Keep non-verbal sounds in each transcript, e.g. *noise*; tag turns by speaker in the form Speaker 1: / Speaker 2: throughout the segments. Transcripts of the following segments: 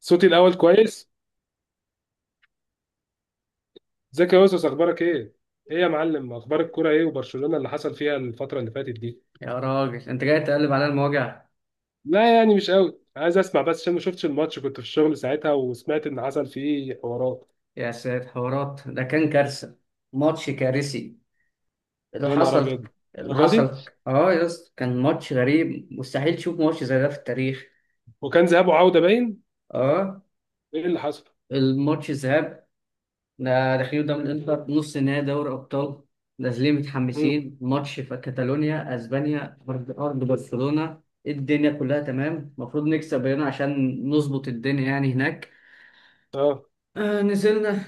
Speaker 1: صوتي الاول كويس. ازيك يا يوسف، اخبارك ايه؟ ايه يا معلم، اخبار الكوره ايه وبرشلونه اللي حصل فيها الفتره اللي فاتت دي؟
Speaker 2: يا راجل انت جاي تقلب على المواجع.
Speaker 1: لا يعني مش قوي عايز اسمع، بس عشان ما شفتش الماتش كنت في الشغل ساعتها وسمعت ان حصل فيه حوارات.
Speaker 2: يا سيد حوارات ده كان كارثة. ماتش كارثي اللي
Speaker 1: يا نهار
Speaker 2: حصل
Speaker 1: ابيض!
Speaker 2: اللي
Speaker 1: الدرجه
Speaker 2: حصل.
Speaker 1: دي؟
Speaker 2: اه، يا اسطى، كان ماتش غريب، مستحيل تشوف ماتش زي ده في التاريخ.
Speaker 1: وكان ذهاب وعوده باين.
Speaker 2: اه،
Speaker 1: ايه اللي حصل؟
Speaker 2: الماتش الذهاب ده، داخلين قدام الانتر نص نهائي دوري ابطال. نازلين
Speaker 1: امم.
Speaker 2: متحمسين، ماتش في كاتالونيا اسبانيا، ارض ارض برشلونة، الدنيا كلها تمام، المفروض نكسب هنا عشان نظبط الدنيا يعني هناك.
Speaker 1: اه.
Speaker 2: آه، نزلنا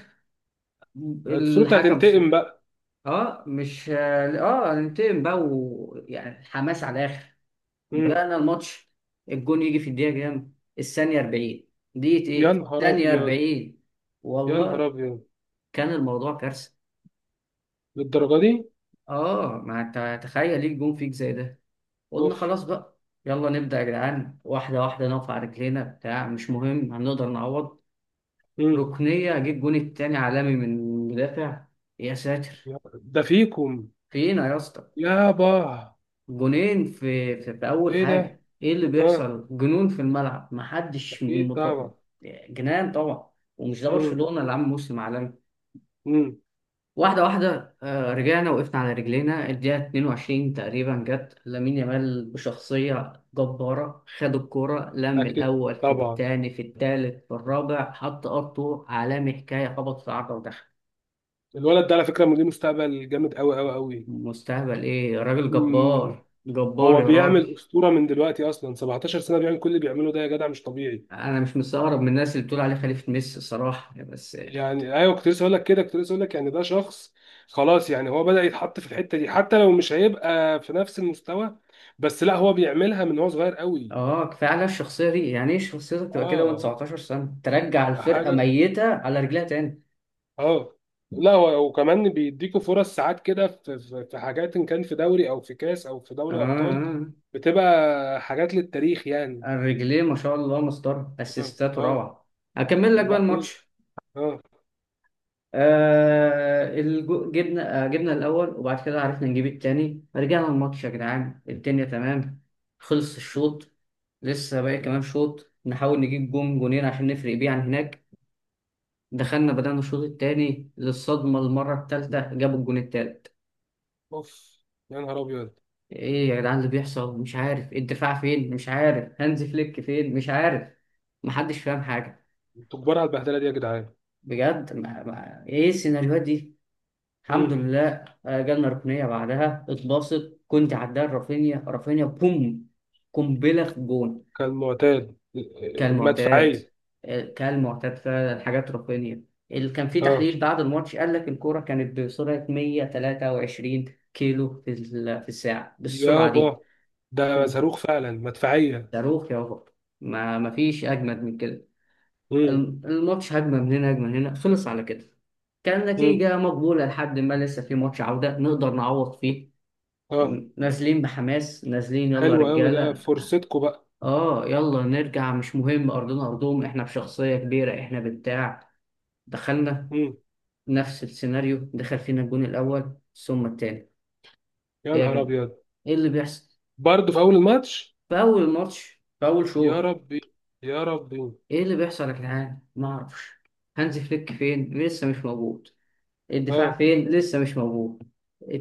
Speaker 1: المفروض
Speaker 2: الحكم.
Speaker 1: هتنتقم بقى؟
Speaker 2: اه مش اه هننتقم بقى، ويعني الحماس على الاخر.
Speaker 1: امم.
Speaker 2: بدأنا الماتش، الجون يجي في الدقيقة كام؟ الثانية 40. دقيقة
Speaker 1: يا
Speaker 2: ايه؟
Speaker 1: نهار
Speaker 2: الثانية
Speaker 1: ابيض!
Speaker 2: 40.
Speaker 1: يا نهار
Speaker 2: والله
Speaker 1: ابيض!
Speaker 2: كان الموضوع كارثة.
Speaker 1: للدرجه دي؟
Speaker 2: اه، ما انت تخيل ليك جون فيك زي ده. قلنا
Speaker 1: اوف!
Speaker 2: خلاص بقى، يلا نبدأ يا جدعان، واحدة واحدة نقف على رجلينا، بتاع مش مهم هنقدر نعوض.
Speaker 1: امم.
Speaker 2: ركنية، اجيب جون التاني عالمي من مدافع. يا ساتر،
Speaker 1: ده فيكم؟
Speaker 2: فينا يا اسطى.
Speaker 1: يابا!
Speaker 2: جونين في اول
Speaker 1: ايه ده؟
Speaker 2: حاجه، ايه اللي
Speaker 1: اه.
Speaker 2: بيحصل؟ جنون في الملعب، محدش
Speaker 1: اكيد طبعا.
Speaker 2: جنان طبعا، ومش ده برشلونه اللي عامل موسم عالمي.
Speaker 1: امم.
Speaker 2: واحده واحده، رجعنا وقفنا على رجلينا، الدقيقه 22 تقريبا جت لامين يامال بشخصيه جباره، خد الكوره لم
Speaker 1: اكيد
Speaker 2: الاول في
Speaker 1: طبعا.
Speaker 2: الثاني في الثالث في الرابع، حط قطه عالمي حكايه، خبط في عرضه ودخل.
Speaker 1: الولد ده على فكره ليه مستقبل جامد قوي قوي قوي.
Speaker 2: مستهبل ايه راجل،
Speaker 1: مم.
Speaker 2: جبار جبار
Speaker 1: هو
Speaker 2: يا راجل.
Speaker 1: بيعمل اسطوره من دلوقتي، اصلا 17 سنه بيعمل كل اللي بيعمله ده، يا جدع مش طبيعي.
Speaker 2: انا مش مستغرب من الناس اللي بتقول عليه خليفة ميسي الصراحة، بس.
Speaker 1: يعني ايوه، كنت لسه اقول لك كده كنت لسه اقول لك يعني ده شخص. خلاص، يعني هو بدأ يتحط في الحته دي، حتى لو مش هيبقى في نفس المستوى. بس لا، هو بيعملها من هو صغير قوي.
Speaker 2: اه، كفاية على الشخصية دي، يعني ايه شخصيتك تبقى كده وانت
Speaker 1: اه.
Speaker 2: 19 سنة، ترجع الفرقة
Speaker 1: حاجه.
Speaker 2: ميتة على رجليها تاني.
Speaker 1: اه. لا، وكمان بيديكوا فرص ساعات كده، في حاجات، ان كان في دوري او في كاس او في دوري ابطال،
Speaker 2: اه،
Speaker 1: بتبقى حاجات للتاريخ يعني.
Speaker 2: اه، الرجلين ما شاء الله مسطرة،
Speaker 1: اه،
Speaker 2: اسيستات
Speaker 1: اه.
Speaker 2: روعة. هكمل لك بقى
Speaker 1: وبعدين.
Speaker 2: الماتش.
Speaker 1: اه.
Speaker 2: آه، الجو... جبنا آه جبنا الاول، وبعد كده عرفنا نجيب التاني، رجعنا الماتش يا جدعان الدنيا تمام. خلص الشوط، لسه باقي كمان شوط، نحاول نجيب جون جونين عشان نفرق بيه عن هناك. دخلنا بدأنا الشوط التاني، للصدمة المرة التالتة جابوا الجون التالت.
Speaker 1: اوف! يا نهار ابيض!
Speaker 2: ايه يا جدعان اللي بيحصل؟ مش عارف الدفاع فين، مش عارف هانز فليك فين، مش عارف، محدش فاهم حاجة.
Speaker 1: انتوا كبار على البهدله دي يا جدعان.
Speaker 2: بجد ما ايه السيناريوهات دي. الحمد
Speaker 1: مم.
Speaker 2: لله، جالنا ركنية بعدها اتباصت، كنت عداها رافينيا رافينيا بوم، قنبلة في الجون.
Speaker 1: كان معتاد.
Speaker 2: كالمعتاد
Speaker 1: مدفعيه.
Speaker 2: كالمعتاد، فعلا حاجات رقمية. اللي كان في
Speaker 1: اه
Speaker 2: تحليل بعد الماتش قال لك الكورة كانت بسرعة 123 كيلو في الساعة، بالسرعة دي
Speaker 1: يابا، ده
Speaker 2: كم-
Speaker 1: صاروخ فعلا، مدفعيه.
Speaker 2: صاروخ يا بابا. ما فيش أجمد من كده.
Speaker 1: مم.
Speaker 2: الماتش هجمة من هنا هجمة من هنا خلص على كده. كان
Speaker 1: مم.
Speaker 2: نتيجة مقبولة، لحد ما لسه في ماتش عودة نقدر نعوض فيه.
Speaker 1: اه.
Speaker 2: نازلين بحماس، نازلين يلا يا
Speaker 1: حلو قوي، ده
Speaker 2: رجالة.
Speaker 1: فرصتكم بقى.
Speaker 2: اه، يلا نرجع مش مهم، ارضنا ارضهم احنا بشخصية كبيرة احنا بتاع. دخلنا
Speaker 1: مم.
Speaker 2: نفس السيناريو، دخل فينا الجون الأول ثم التاني.
Speaker 1: يا
Speaker 2: إيه يا
Speaker 1: نهار
Speaker 2: جدعان،
Speaker 1: ابيض!
Speaker 2: إيه اللي بيحصل،
Speaker 1: برضه في اول الماتش؟
Speaker 2: في أول ماتش في أول
Speaker 1: يا
Speaker 2: شوط.
Speaker 1: ربي! يا ربي!
Speaker 2: إيه اللي بيحصل يا جدعان؟ ما أعرفش. هانز فليك فين لسه مش موجود، الدفاع
Speaker 1: اه.
Speaker 2: فين لسه مش موجود،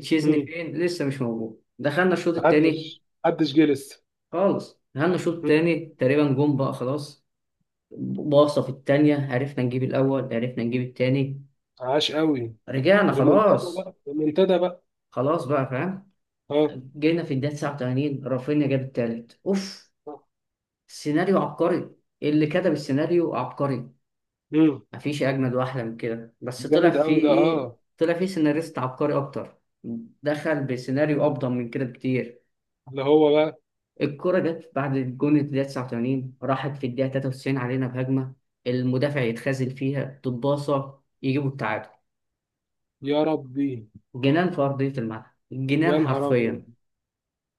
Speaker 2: تشيزني
Speaker 1: امم.
Speaker 2: فين لسه مش موجود. دخلنا الشوط
Speaker 1: محدش
Speaker 2: التاني
Speaker 1: محدش جه لسه.
Speaker 2: خالص، دخلنا الشوط
Speaker 1: مم.
Speaker 2: التاني تقريبا جون بقى خلاص، باصة في التانية عرفنا نجيب الأول عرفنا نجيب التاني،
Speaker 1: عاش قوي.
Speaker 2: رجعنا
Speaker 1: ريمونتادا
Speaker 2: خلاص.
Speaker 1: بقى، ريمونتادا بقى.
Speaker 2: خلاص بقى فاهم.
Speaker 1: اه.
Speaker 2: جينا في الدقيقة 89 رافينيا جاب التالت، اوف، سيناريو عبقري. إيه اللي كتب السيناريو عبقري،
Speaker 1: امم.
Speaker 2: مفيش اجمد واحلى من كده، بس طلع
Speaker 1: جامد
Speaker 2: فيه
Speaker 1: قوي ده، اه.
Speaker 2: ايه، طلع فيه سيناريست عبقري اكتر، دخل بسيناريو افضل من كده بكتير.
Speaker 1: اللي هو بقى.
Speaker 2: الكرة جت بعد الجون في الدقيقة 89 راحت في الدقيقة 93 علينا بهجمة، المدافع يتخاذل فيها تتباصى يجيبوا التعادل.
Speaker 1: يا ربي!
Speaker 2: جنان في أرضية الملعب،
Speaker 1: يا
Speaker 2: جنان
Speaker 1: نهار ابيض!
Speaker 2: حرفيا.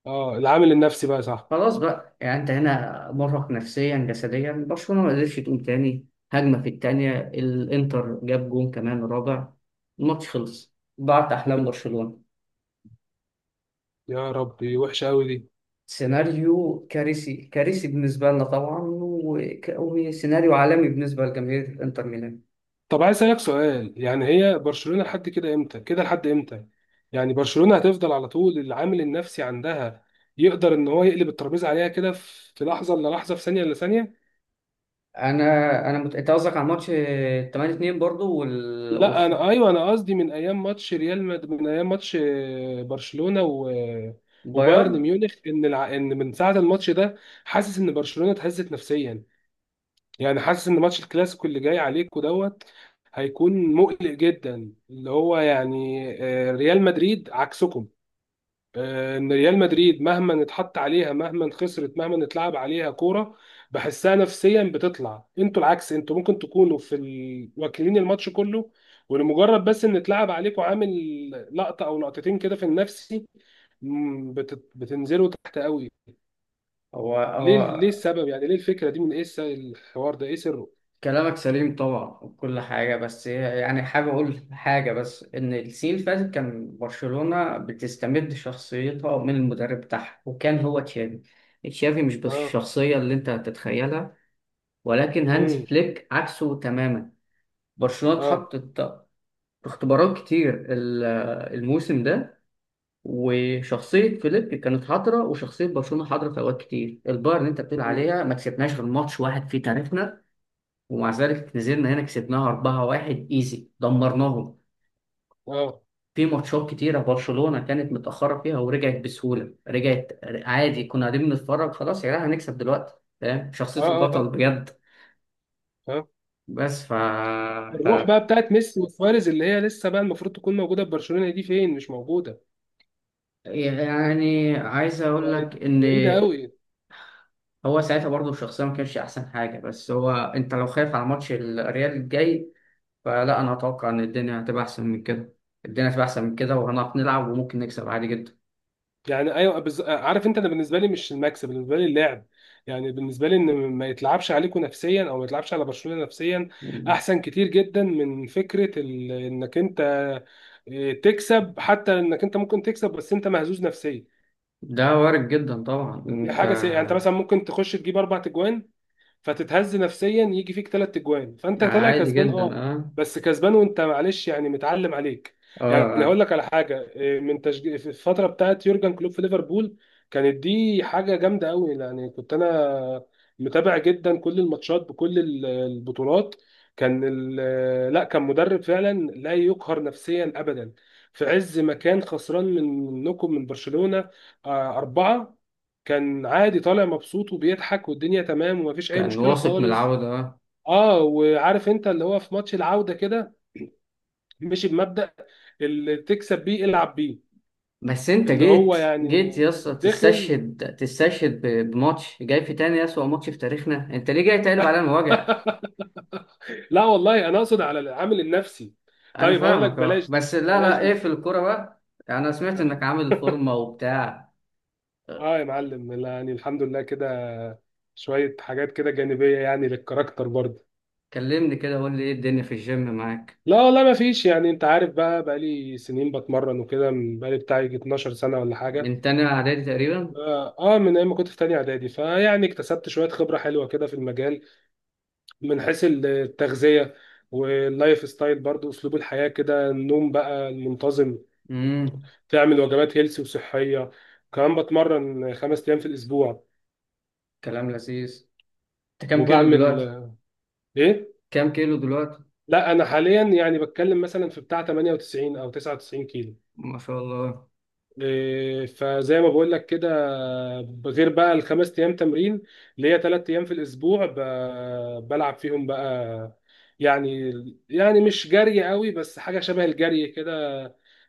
Speaker 1: اه، العامل النفسي بقى، صح.
Speaker 2: خلاص بقى، يعني انت هنا مرهق نفسيا جسديا، برشلونة ما قدرتش تقوم تاني. هجمة في التانية الانتر جاب جون كمان رابع، الماتش خلص، ضاعت
Speaker 1: مم.
Speaker 2: احلام برشلونة.
Speaker 1: يا ربي، وحشه قوي دي.
Speaker 2: سيناريو كارثي كارثي بالنسبة لنا طبعا، وسيناريو عالمي بالنسبة لجماهير الانتر ميلان.
Speaker 1: طب عايز اسالك سؤال، يعني هي برشلونه لحد كده امتى؟ كده لحد امتى؟ يعني برشلونه هتفضل على طول العامل النفسي عندها؟ يقدر ان هو يقلب الترابيزه عليها كده في لحظه الا لحظه، في ثانيه الا ثانيه؟
Speaker 2: انا انت قصدك على ماتش 8-2 برضو
Speaker 1: لا، انا ايوه، انا قصدي من ايام ماتش، برشلونه و... وبايرن
Speaker 2: والبايرن.
Speaker 1: ميونخ، ان من ساعه الماتش ده حاسس ان برشلونه اتهزت نفسيا. يعني حاسس ان ماتش الكلاسيكو اللي جاي عليكوا دوت هيكون مقلق جدا، اللي هو يعني ريال مدريد عكسكم. ان ريال مدريد مهما اتحط عليها، مهما خسرت، مهما اتلعب عليها كوره، بحسها نفسيا بتطلع. انتوا العكس، انتوا ممكن تكونوا واكلين الماتش كله، ولمجرد بس ان اتلعب عليكم عامل لقطه او لقطتين كده في النفسي، بتنزلوا تحت قوي.
Speaker 2: هو
Speaker 1: ليه
Speaker 2: هو.
Speaker 1: ليه السبب؟ يعني ليه الفكره دي؟ من ايه الحوار ده؟ ايه سره؟
Speaker 2: كلامك سليم طبعا وكل حاجة، بس يعني حابب أقول حاجة، بس إن السنين اللي فاتت كان برشلونة بتستمد شخصيتها من المدرب بتاعها، وكان هو تشافي. تشافي مش بس
Speaker 1: اه.
Speaker 2: الشخصية اللي أنت هتتخيلها، ولكن هانز
Speaker 1: امم.
Speaker 2: فليك عكسه تماما. برشلونة
Speaker 1: اه.
Speaker 2: اتحطت في اختبارات كتير الموسم ده. وشخصية فليك كانت حاضرة، وشخصية برشلونة حاضرة في أوقات كتير، البايرن اللي أنت بتقول
Speaker 1: مم.
Speaker 2: عليها ما كسبناش غير ماتش واحد في تاريخنا. ومع ذلك نزلنا هنا كسبناها 4-1 ايزي، دمرناهم.
Speaker 1: اه،
Speaker 2: في ماتشات كتيرة برشلونة كانت متأخرة فيها ورجعت بسهولة، رجعت عادي كنا قاعدين بنتفرج، خلاص يا جدعان هنكسب دلوقتي. فاهم
Speaker 1: اه،
Speaker 2: شخصية
Speaker 1: اه.
Speaker 2: البطل
Speaker 1: اه.
Speaker 2: بجد.
Speaker 1: آه.
Speaker 2: بس ف...
Speaker 1: الروح
Speaker 2: ف...
Speaker 1: بقى بتاعت ميسي وسواريز، اللي هي لسه بقى المفروض تكون موجوده في برشلونه، دي فين؟ مش موجوده.
Speaker 2: يعني عايز أقول
Speaker 1: بقت
Speaker 2: لك إن
Speaker 1: بعيدة قوي.
Speaker 2: هو ساعتها برضه الشخصية ما كانش أحسن حاجة، بس هو أنت لو خايف على ماتش الريال الجاي، فلا أنا أتوقع إن الدنيا هتبقى أحسن من كده. الدنيا هتبقى أحسن من كده، وهنعرف نلعب وممكن نكسب عادي
Speaker 1: يعني ايوه، عارف انت، انا بالنسبه لي مش المكسب، بالنسبه لي اللعب. يعني بالنسبه لي ان ما يتلعبش عليكم نفسيا، او ما يتلعبش على برشلونه نفسيا،
Speaker 2: جدا.
Speaker 1: احسن كتير جدا من فكره انك انت تكسب. حتى انك انت ممكن تكسب، بس انت مهزوز نفسيا،
Speaker 2: ده وارد جدا طبعا
Speaker 1: دي
Speaker 2: انت.
Speaker 1: حاجه سيئه. يعني انت مثلا ممكن تخش تجيب اربع تجوان، فتتهز نفسيا يجي فيك ثلاث اجوان، فانت طالع
Speaker 2: عادي
Speaker 1: كسبان،
Speaker 2: جدا،
Speaker 1: اه،
Speaker 2: اه،
Speaker 1: بس كسبان وانت معلش، يعني متعلم عليك.
Speaker 2: اه،
Speaker 1: يعني هقول
Speaker 2: آه.
Speaker 1: لك على حاجه من في الفتره بتاعت يورجن كلوب في ليفربول، كانت دي حاجه جامده قوي. يعني كنت انا متابع جدا كل الماتشات بكل البطولات. كان مدرب فعلا لا يقهر نفسيا ابدا. في عز ما كان خسران منكم، من برشلونه أربعة، كان عادي طالع مبسوط وبيضحك والدنيا تمام ومفيش اي
Speaker 2: كان
Speaker 1: مشكله
Speaker 2: واثق من
Speaker 1: خالص.
Speaker 2: العودة، اه.
Speaker 1: اه، وعارف انت، اللي هو في ماتش العوده كده مشي بمبدأ اللي تكسب بيه، العب بيه.
Speaker 2: بس انت
Speaker 1: اللي هو
Speaker 2: جيت
Speaker 1: يعني
Speaker 2: يا اسطى،
Speaker 1: دخل.
Speaker 2: تستشهد بماتش جاي في تاني اسوأ ماتش في تاريخنا، انت ليه جاي تقلب علينا
Speaker 1: *laughs*
Speaker 2: وجع؟
Speaker 1: لا والله، انا اقصد على العامل النفسي.
Speaker 2: انا
Speaker 1: طيب هقول لك،
Speaker 2: فاهمك اه،
Speaker 1: بلاش دي
Speaker 2: بس لا
Speaker 1: بلاش
Speaker 2: لا ايه
Speaker 1: دي.
Speaker 2: في الكورة بقى؟ انا سمعت انك عامل
Speaker 1: *laughs*
Speaker 2: فورمة وبتاع.
Speaker 1: اه يا معلم، لا، يعني الحمد لله كده، شويه حاجات كده جانبيه، يعني للكاركتر برضه.
Speaker 2: كلمني كده قول لي ايه الدنيا في الجيم معاك.
Speaker 1: لا والله ما فيش، يعني انت عارف، بقى لي سنين بتمرن وكده، بقى لي بتاعي 12 سنه ولا حاجه.
Speaker 2: من تاني اعدادي تقريبا.
Speaker 1: من ايام ما كنت في تانية اعدادي، فيعني اكتسبت شوية خبرة حلوة كده في المجال، من حيث التغذية، واللايف ستايل برضو، اسلوب الحياة كده، النوم بقى المنتظم،
Speaker 2: امم،
Speaker 1: تعمل وجبات هيلسي وصحية، كمان بتمرن خمس ايام في الاسبوع.
Speaker 2: كلام لذيذ. انت كام كيلو
Speaker 1: وبعمل
Speaker 2: دلوقتي؟
Speaker 1: ايه،
Speaker 2: كام كيلو دلوقتي؟
Speaker 1: لا انا حاليا يعني بتكلم مثلا في بتاع 98 او 99 كيلو.
Speaker 2: ما شاء الله.
Speaker 1: فزي ما بقول لك كده، غير بقى الخمس ايام تمرين اللي هي ثلاث ايام في الاسبوع بلعب فيهم بقى، يعني، يعني مش جري قوي، بس حاجه شبه الجري كده،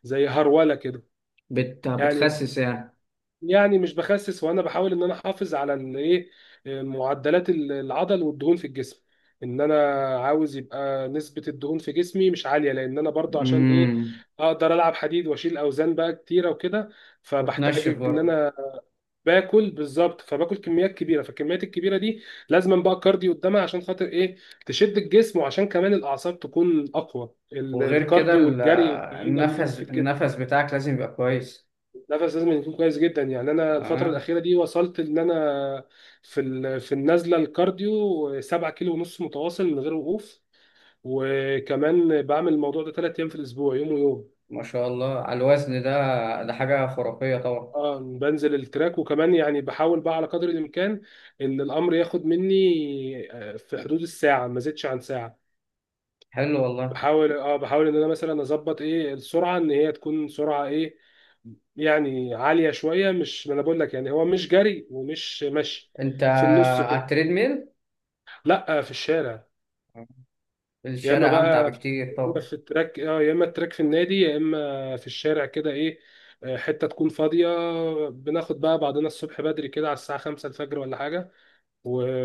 Speaker 1: زي هروله كده. يعني،
Speaker 2: بتخسس يعني؟
Speaker 1: يعني مش بخسس، وانا بحاول ان انا احافظ على الايه، معدلات العضل والدهون في الجسم. ان انا عاوز يبقى نسبة الدهون في جسمي مش عالية، لان انا برضو عشان ايه؟
Speaker 2: امم،
Speaker 1: اقدر العب حديد واشيل اوزان بقى كتيرة وكده،
Speaker 2: وتنشف
Speaker 1: فبحتاج ان
Speaker 2: برضه؟
Speaker 1: انا باكل بالظبط، فباكل كميات كبيرة، فالكميات الكبيرة دي لازم بقى الكارديو قدامها عشان خاطر ايه، تشد الجسم، وعشان كمان الاعصاب تكون اقوى.
Speaker 2: وغير كده
Speaker 1: الكارديو والجري والكلام ده بيبقى
Speaker 2: النفس
Speaker 1: مفيد جدا.
Speaker 2: النفس بتاعك لازم يبقى كويس.
Speaker 1: نفس لازم يكون كويس جدا. يعني انا الفتره
Speaker 2: اه،
Speaker 1: الاخيره دي وصلت ان انا في النزله الكارديو 7 كيلو ونص متواصل من غير وقوف، وكمان بعمل الموضوع ده ثلاث ايام في الاسبوع، يوم ويوم.
Speaker 2: ما شاء الله على الوزن ده، ده حاجة خرافية طبعا.
Speaker 1: اه، بنزل التراك، وكمان يعني بحاول بقى على قدر الامكان ان الامر ياخد مني في حدود الساعه، ما زيدش عن ساعه.
Speaker 2: حلو والله.
Speaker 1: بحاول ان انا مثلا اظبط ايه السرعه، ان هي تكون سرعه ايه، يعني عاليه شويه، مش، ما انا بقول لك يعني هو مش جري ومش مشي،
Speaker 2: انت
Speaker 1: في النص
Speaker 2: على
Speaker 1: كده.
Speaker 2: التريد ميل؟
Speaker 1: لا، في الشارع. يا اما
Speaker 2: الشارع
Speaker 1: بقى،
Speaker 2: امتع بكتير
Speaker 1: يا اما
Speaker 2: طبعا.
Speaker 1: في التراك، يا اما التراك في النادي، يا اما في الشارع كده ايه، حته تكون فاضيه. بناخد بقى بعضنا الصبح بدري كده على الساعه 5 الفجر ولا حاجه،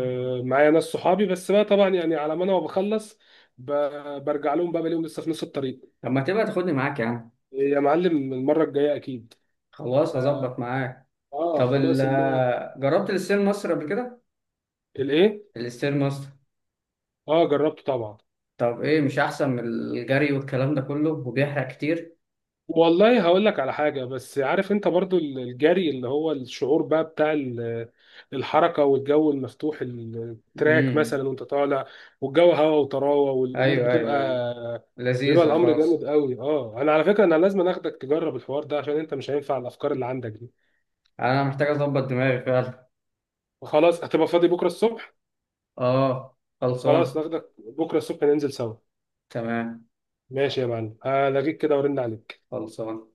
Speaker 2: مم.
Speaker 1: ناس صحابي بس بقى طبعا، يعني على ما انا بخلص، ب- برجع لهم بقى بلاقيهم لسه في نص الطريق.
Speaker 2: طب ما تبقى تاخدني معاك يا عم.
Speaker 1: يا معلم المره الجايه اكيد.
Speaker 2: خلاص
Speaker 1: اه
Speaker 2: هظبط معاك. طب
Speaker 1: خلاص المره.
Speaker 2: جربت الستير ماستر قبل كده؟
Speaker 1: الايه؟
Speaker 2: الستير ماستر،
Speaker 1: اه جربته طبعا.
Speaker 2: طب ايه مش احسن من الجري والكلام ده كله وبيحرق كتير؟
Speaker 1: والله هقول لك على حاجة، بس عارف انت برضو الجري اللي هو الشعور بقى بتاع الحركة والجو المفتوح، التراك
Speaker 2: امم،
Speaker 1: مثلا وانت طالع، والجو هوا وطراوة، والامور
Speaker 2: ايوه
Speaker 1: بتبقى،
Speaker 2: ايوه ايوه،
Speaker 1: بيبقى
Speaker 2: لذيذة
Speaker 1: الامر جامد
Speaker 2: خلاص.
Speaker 1: قوي. اه انا على فكرة انا لازم اخدك تجرب الحوار ده، عشان انت مش هينفع الافكار اللي عندك دي.
Speaker 2: انا محتاج اظبط دماغي فعلا.
Speaker 1: خلاص، هتبقى فاضي بكرة الصبح؟
Speaker 2: اه،
Speaker 1: خلاص
Speaker 2: خلصان.
Speaker 1: ناخدك بكرة الصبح، ننزل سوا.
Speaker 2: تمام،
Speaker 1: ماشي يا معلم، هلاقيك كده، ورن عليك.
Speaker 2: خلصان.